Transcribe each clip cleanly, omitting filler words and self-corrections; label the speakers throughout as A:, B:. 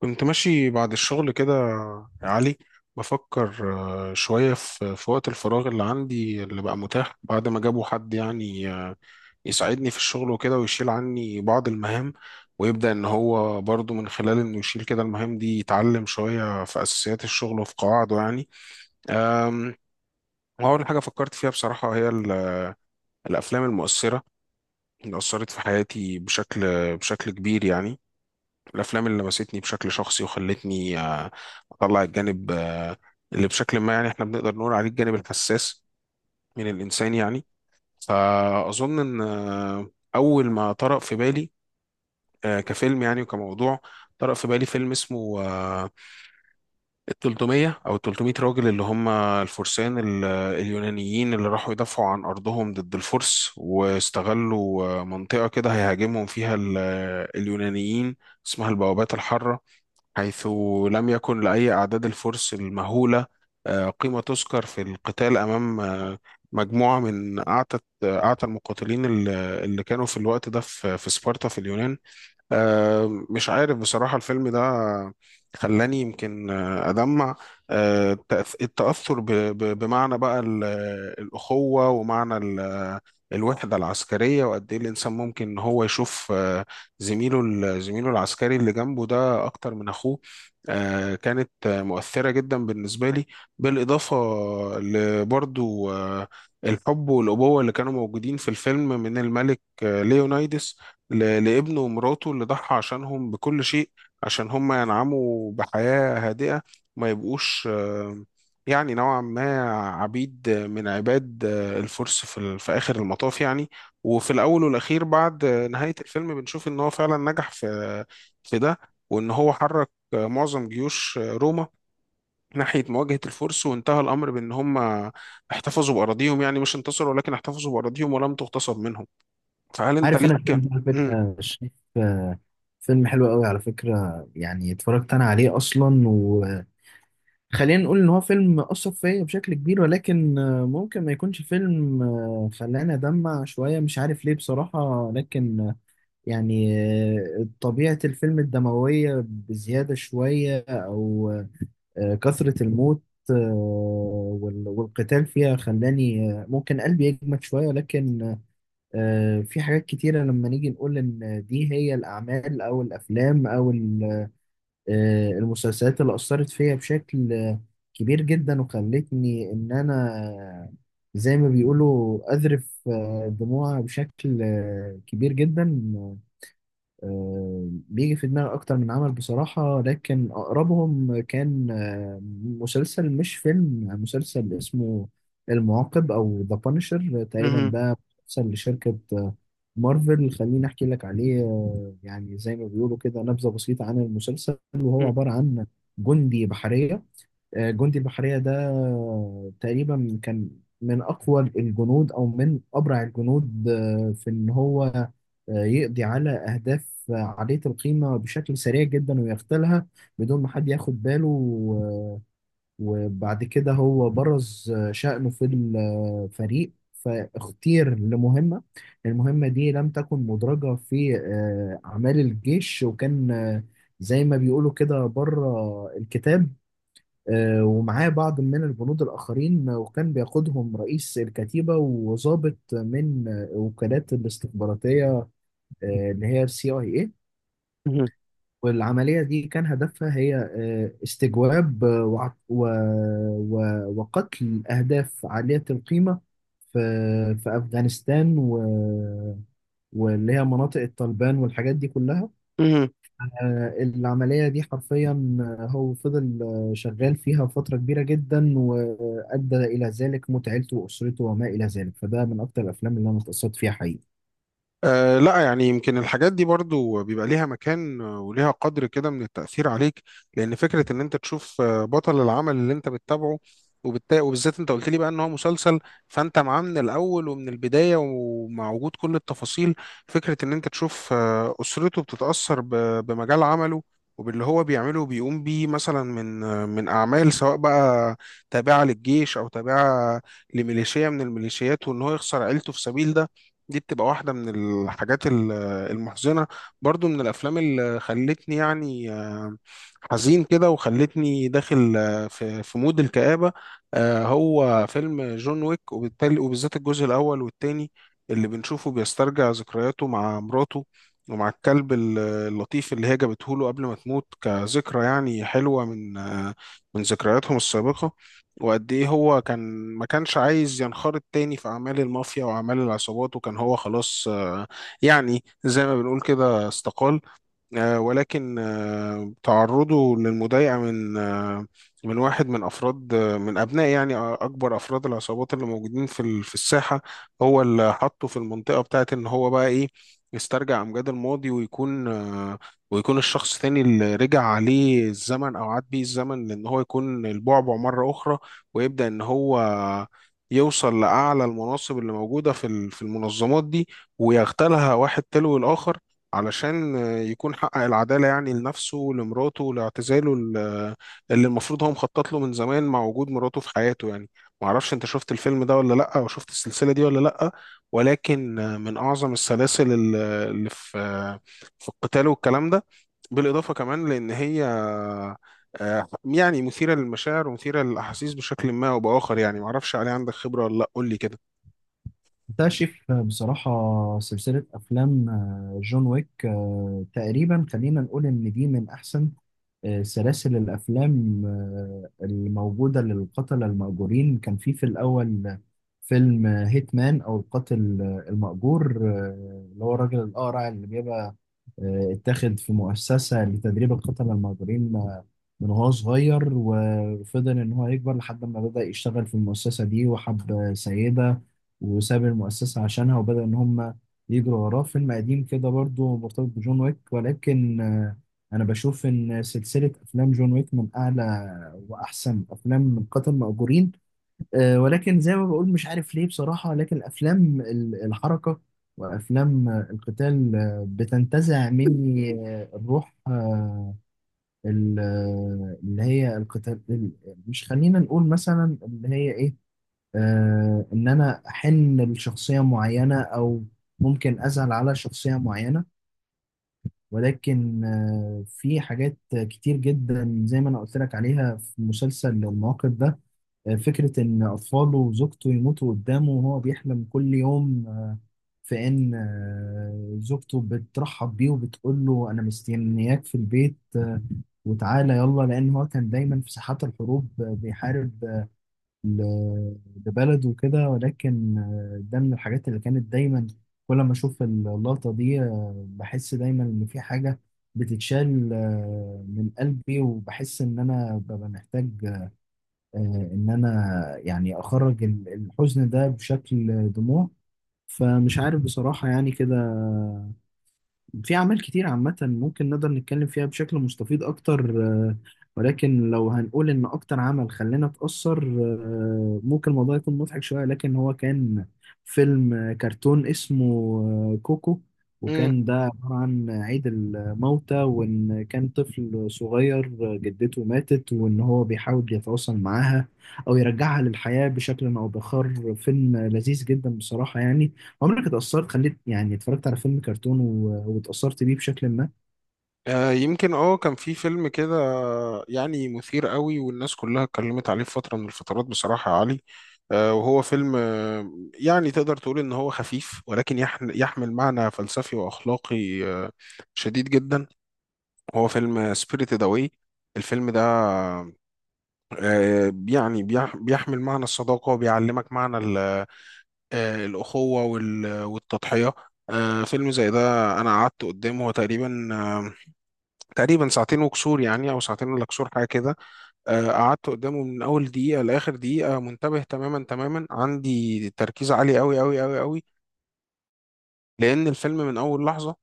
A: كنت ماشي بعد الشغل كده يا علي. بفكر شوية في وقت الفراغ اللي عندي اللي بقى متاح بعد ما جابوا حد يعني يساعدني في الشغل وكده ويشيل عني بعض المهام، ويبدأ إن هو برضو من خلال إنه يشيل كده المهام دي يتعلم شوية في أساسيات الشغل وفي قواعده يعني. أم، وأول حاجة فكرت فيها بصراحة هي الأفلام المؤثرة اللي أثرت في حياتي بشكل كبير يعني، الافلام اللي لمستني بشكل شخصي وخلتني اطلع الجانب اللي بشكل ما، يعني احنا بنقدر نقول عليه الجانب الحساس من الانسان يعني. فاظن ان اول ما طرأ في بالي كفيلم يعني وكموضوع، طرأ في بالي فيلم اسمه ال 300 او ال 300 راجل اللي هم الفرسان اليونانيين اللي راحوا يدافعوا عن ارضهم ضد الفرس، واستغلوا منطقة كده هيهاجمهم فيها اليونانيين، اسمها البوابات الحارة، حيث لم يكن لأي أعداد الفرس المهولة قيمة تذكر في القتال أمام مجموعة من أعتى المقاتلين اللي كانوا في الوقت ده في سبارتا في اليونان. مش عارف بصراحة الفيلم ده خلاني يمكن أدمع. التأثر بمعنى بقى الأخوة ومعنى الوحدة العسكرية، وقد إيه الإنسان ممكن إن هو يشوف زميله زميله العسكري اللي جنبه ده أكتر من أخوه. كانت مؤثرة جدا بالنسبة لي. بالإضافة لبرضو الحب والأبوة اللي كانوا موجودين في الفيلم من الملك ليونايدس لابنه ومراته اللي ضحى عشانهم بكل شيء عشان هم ينعموا بحياة هادئة، ما يبقوش يعني نوعا ما عبيد من عباد الفرس في في آخر المطاف يعني. وفي الأول والأخير بعد نهاية الفيلم بنشوف إن هو فعلا نجح في ده، وإن هو حرك معظم جيوش روما ناحية مواجهة الفرس، وانتهى الأمر بإن هم احتفظوا بأراضيهم، يعني مش انتصروا ولكن احتفظوا بأراضيهم ولم تغتصب منهم. فهل أنت
B: عارف انا الفيلم
A: ليك
B: ده على فكره شايف آه، فيلم حلو قوي على فكره. يعني اتفرجت انا عليه اصلا، وخلينا نقول ان هو فيلم اثر فيا بشكل كبير، ولكن ممكن ما يكونش فيلم خلاني ادمع شويه. مش عارف ليه بصراحه، لكن يعني طبيعه الفيلم الدمويه بزياده شويه، او كثره الموت آه، والقتال فيها خلاني ممكن قلبي يجمد شويه. لكن في حاجات كتيرة لما نيجي نقول إن دي هي الأعمال أو الأفلام أو المسلسلات اللي أثرت فيا بشكل كبير جدا، وخلتني إن أنا زي ما بيقولوا أذرف دموع بشكل كبير جدا. بيجي في دماغي أكتر من عمل بصراحة، لكن أقربهم كان مسلسل، مش فيلم، مسلسل اسمه المعاقب أو ذا بانشر تقريبا.
A: مم.
B: ده مسلسل لشركة مارفل. خليني أحكي لك عليه يعني زي ما بيقولوا كده، نبذة بسيطة عن المسلسل. وهو
A: مم.
B: عبارة عن جندي بحرية. جندي البحرية ده تقريبا كان من أقوى الجنود أو من أبرع الجنود في إن هو يقضي على أهداف عالية القيمة بشكل سريع جدا ويغتالها بدون ما حد ياخد باله وبعد كده هو برز شأنه في الفريق، فاختير لمهمة. المهمة دي لم تكن مدرجة في أعمال الجيش، وكان زي ما بيقولوا كده بره الكتاب. ومعاه بعض من البنود الآخرين، وكان بيقودهم رئيس الكتيبة وضابط من وكالات الاستخباراتية اللي هي السي اي اي.
A: مم.
B: والعملية دي كان هدفها هي استجواب و... وقتل أهداف عالية القيمة في أفغانستان واللي هي مناطق الطالبان والحاجات دي كلها.
A: مم.
B: العملية دي حرفيا هو فضل شغال فيها فترة كبيرة جدا، وأدى إلى ذلك موت عيلته وأسرته وما إلى ذلك. فده من أكتر الأفلام اللي أنا اتأثرت فيها حقيقي.
A: آه لا، يعني يمكن الحاجات دي برضو بيبقى ليها مكان وليها قدر كده من التأثير عليك، لأن فكرة إن أنت تشوف بطل العمل اللي أنت بتتابعه، وبالتالي وبالذات أنت قلت لي بقى إن هو مسلسل، فأنت معاه من الأول ومن البداية ومع وجود كل التفاصيل. فكرة إن أنت تشوف أسرته بتتأثر بمجال عمله وباللي هو بيعمله وبيقوم بيه مثلا من من أعمال سواء بقى تابعة للجيش أو تابعة لميليشيا من الميليشيات، وإن هو يخسر عيلته في سبيل ده، دي بتبقى واحدة من الحاجات المحزنة. برضو من الأفلام اللي خلتني يعني حزين كده وخلتني داخل في مود الكآبة هو فيلم جون ويك، وبالتالي وبالذات الجزء الأول والتاني اللي بنشوفه بيسترجع ذكرياته مع مراته ومع الكلب اللطيف اللي هي جابته له قبل ما تموت، كذكرى يعني حلوة من من ذكرياتهم السابقة. وقد ايه هو كان ما كانش عايز ينخرط تاني في اعمال المافيا واعمال العصابات، وكان هو خلاص يعني زي ما بنقول كده استقال. ولكن تعرضه للمضايقة من من واحد من أفراد من أبناء يعني أكبر أفراد العصابات اللي موجودين في في الساحة، هو اللي حطه في المنطقة بتاعت إن هو بقى إيه يسترجع أمجاد الماضي ويكون ويكون الشخص تاني اللي رجع عليه الزمن أو عاد بيه الزمن لأن هو يكون البعبع مرة أخرى. ويبدأ إن هو يوصل لأعلى المناصب اللي موجودة في في المنظمات دي ويغتالها واحد تلو الآخر، علشان يكون حقق العدالة يعني لنفسه ولمراته ولاعتزاله اللي المفروض هو مخطط له من زمان مع وجود مراته في حياته يعني. معرفش انت شفت الفيلم ده ولا لأ، وشفت السلسلة دي ولا لأ، ولكن من أعظم السلاسل اللي في في القتال والكلام ده. بالإضافة كمان لأن هي يعني مثيرة للمشاعر ومثيرة للأحاسيس بشكل ما أو بآخر يعني. معرفش عليه عندك خبرة ولا لأ، قول لي كده.
B: بكتشف بصراحة سلسلة أفلام جون ويك تقريبا. خلينا نقول إن دي من أحسن سلاسل الأفلام الموجودة للقتلة المأجورين. كان في الأول فيلم هيتمان، أو القاتل المأجور، اللي هو الراجل الأقرع اللي بيبقى اتاخد في مؤسسة لتدريب القتلة المأجورين من وهو صغير، وفضل إن هو يكبر لحد ما بدأ يشتغل في المؤسسة دي، وحب سيدة، وساب المؤسسة عشانها، وبدأ إن هم يجروا وراه. فيلم قديم كده برضه مرتبط بجون ويك، ولكن أنا بشوف إن سلسلة أفلام جون ويك من أعلى وأحسن أفلام قتل مأجورين. ولكن زي ما بقول مش عارف ليه بصراحة، لكن أفلام الحركة وأفلام القتال بتنتزع مني الروح اللي هي القتال مش، خلينا نقول مثلا اللي هي إيه. إن أنا أحن لشخصية معينة، أو ممكن أزعل على شخصية معينة. ولكن في حاجات كتير جدا زي ما أنا قلت لك عليها في مسلسل المواقف ده. فكرة إن أطفاله وزوجته يموتوا قدامه، وهو بيحلم كل يوم في إن زوجته بترحب بيه وبتقول له أنا مستنياك في البيت وتعالى يلا، لأن هو كان دايما في ساحات الحروب بيحارب ل- لبلده وكده. ولكن ده من الحاجات اللي كانت دايما كل ما أشوف اللقطة دي بحس دايما إن في حاجة بتتشال من قلبي، وبحس إن أنا ببقى محتاج آه، ان انا يعني اخرج الحزن ده بشكل دموع. فمش عارف بصراحة يعني كده. في أعمال كتير عامة ممكن نقدر نتكلم فيها بشكل مستفيض أكتر، ولكن لو هنقول إن أكتر عمل خلانا نتأثر ممكن الموضوع يكون مضحك شوية، لكن هو كان فيلم كرتون اسمه كوكو. وكان ده عبارة عن عيد الموتى، وإن كان طفل صغير جدته ماتت، وإن هو بيحاول يتواصل معاها أو يرجعها للحياة بشكل أو بآخر. فيلم لذيذ جدا بصراحة يعني. عمرك اتأثرت، خليت يعني اتفرجت على فيلم كرتون واتأثرت بيه بشكل ما؟
A: يمكن اه كان في فيلم كده يعني مثير قوي والناس كلها اتكلمت عليه في فترة من الفترات بصراحة يا علي. وهو فيلم يعني تقدر تقول ان هو خفيف ولكن يحمل معنى فلسفي واخلاقي شديد جدا. هو فيلم سبيريتد اواي. الفيلم ده يعني بيحمل معنى الصداقة وبيعلمك معنى الأخوة والتضحية. فيلم زي ده أنا قعدت قدامه هو تقريبا ساعتين وكسور، يعني او ساعتين ولا كسور حاجه كده. قعدت قدامه من اول دقيقه لاخر دقيقه منتبه تماما، عندي تركيز عالي قوي، لان الفيلم من اول لحظه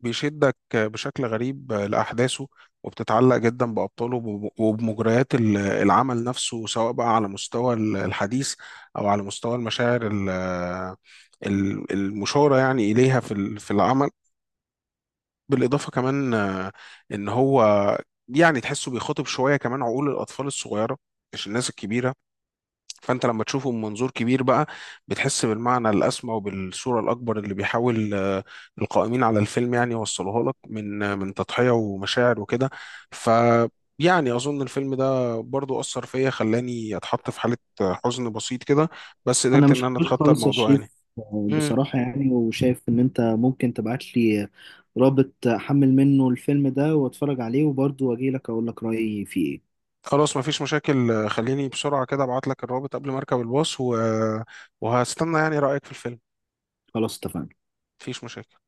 A: بيشدك بشكل غريب لاحداثه، وبتتعلق جدا بابطاله وبمجريات العمل نفسه، سواء بقى على مستوى الحديث او على مستوى المشاعر المشاره يعني اليها في في العمل. بالإضافة كمان إن هو يعني تحسه بيخاطب شوية كمان عقول الأطفال الصغيرة، مش الناس الكبيرة. فأنت لما تشوفه من منظور كبير بقى بتحس بالمعنى الأسمى وبالصورة الأكبر اللي بيحاول القائمين على الفيلم يعني يوصلوها لك من من تضحية ومشاعر وكده. ف يعني أظن الفيلم ده برضو أثر فيا، خلاني أتحط في حالة حزن بسيط كده، بس
B: انا
A: قدرت
B: مش
A: إن أنا
B: كتير
A: أتخطى
B: خالص يا
A: الموضوع يعني.
B: شريف. بصراحة يعني، وشايف ان انت ممكن تبعت لي رابط احمل منه الفيلم ده واتفرج عليه، وبرضه واجي لك اقول لك رأيي فيه ايه.
A: خلاص مفيش مشاكل، خليني بسرعة كده ابعت لك الرابط قبل ما اركب الباص وهستنى يعني رأيك في الفيلم.
B: خلاص اتفقنا.
A: مفيش مشاكل.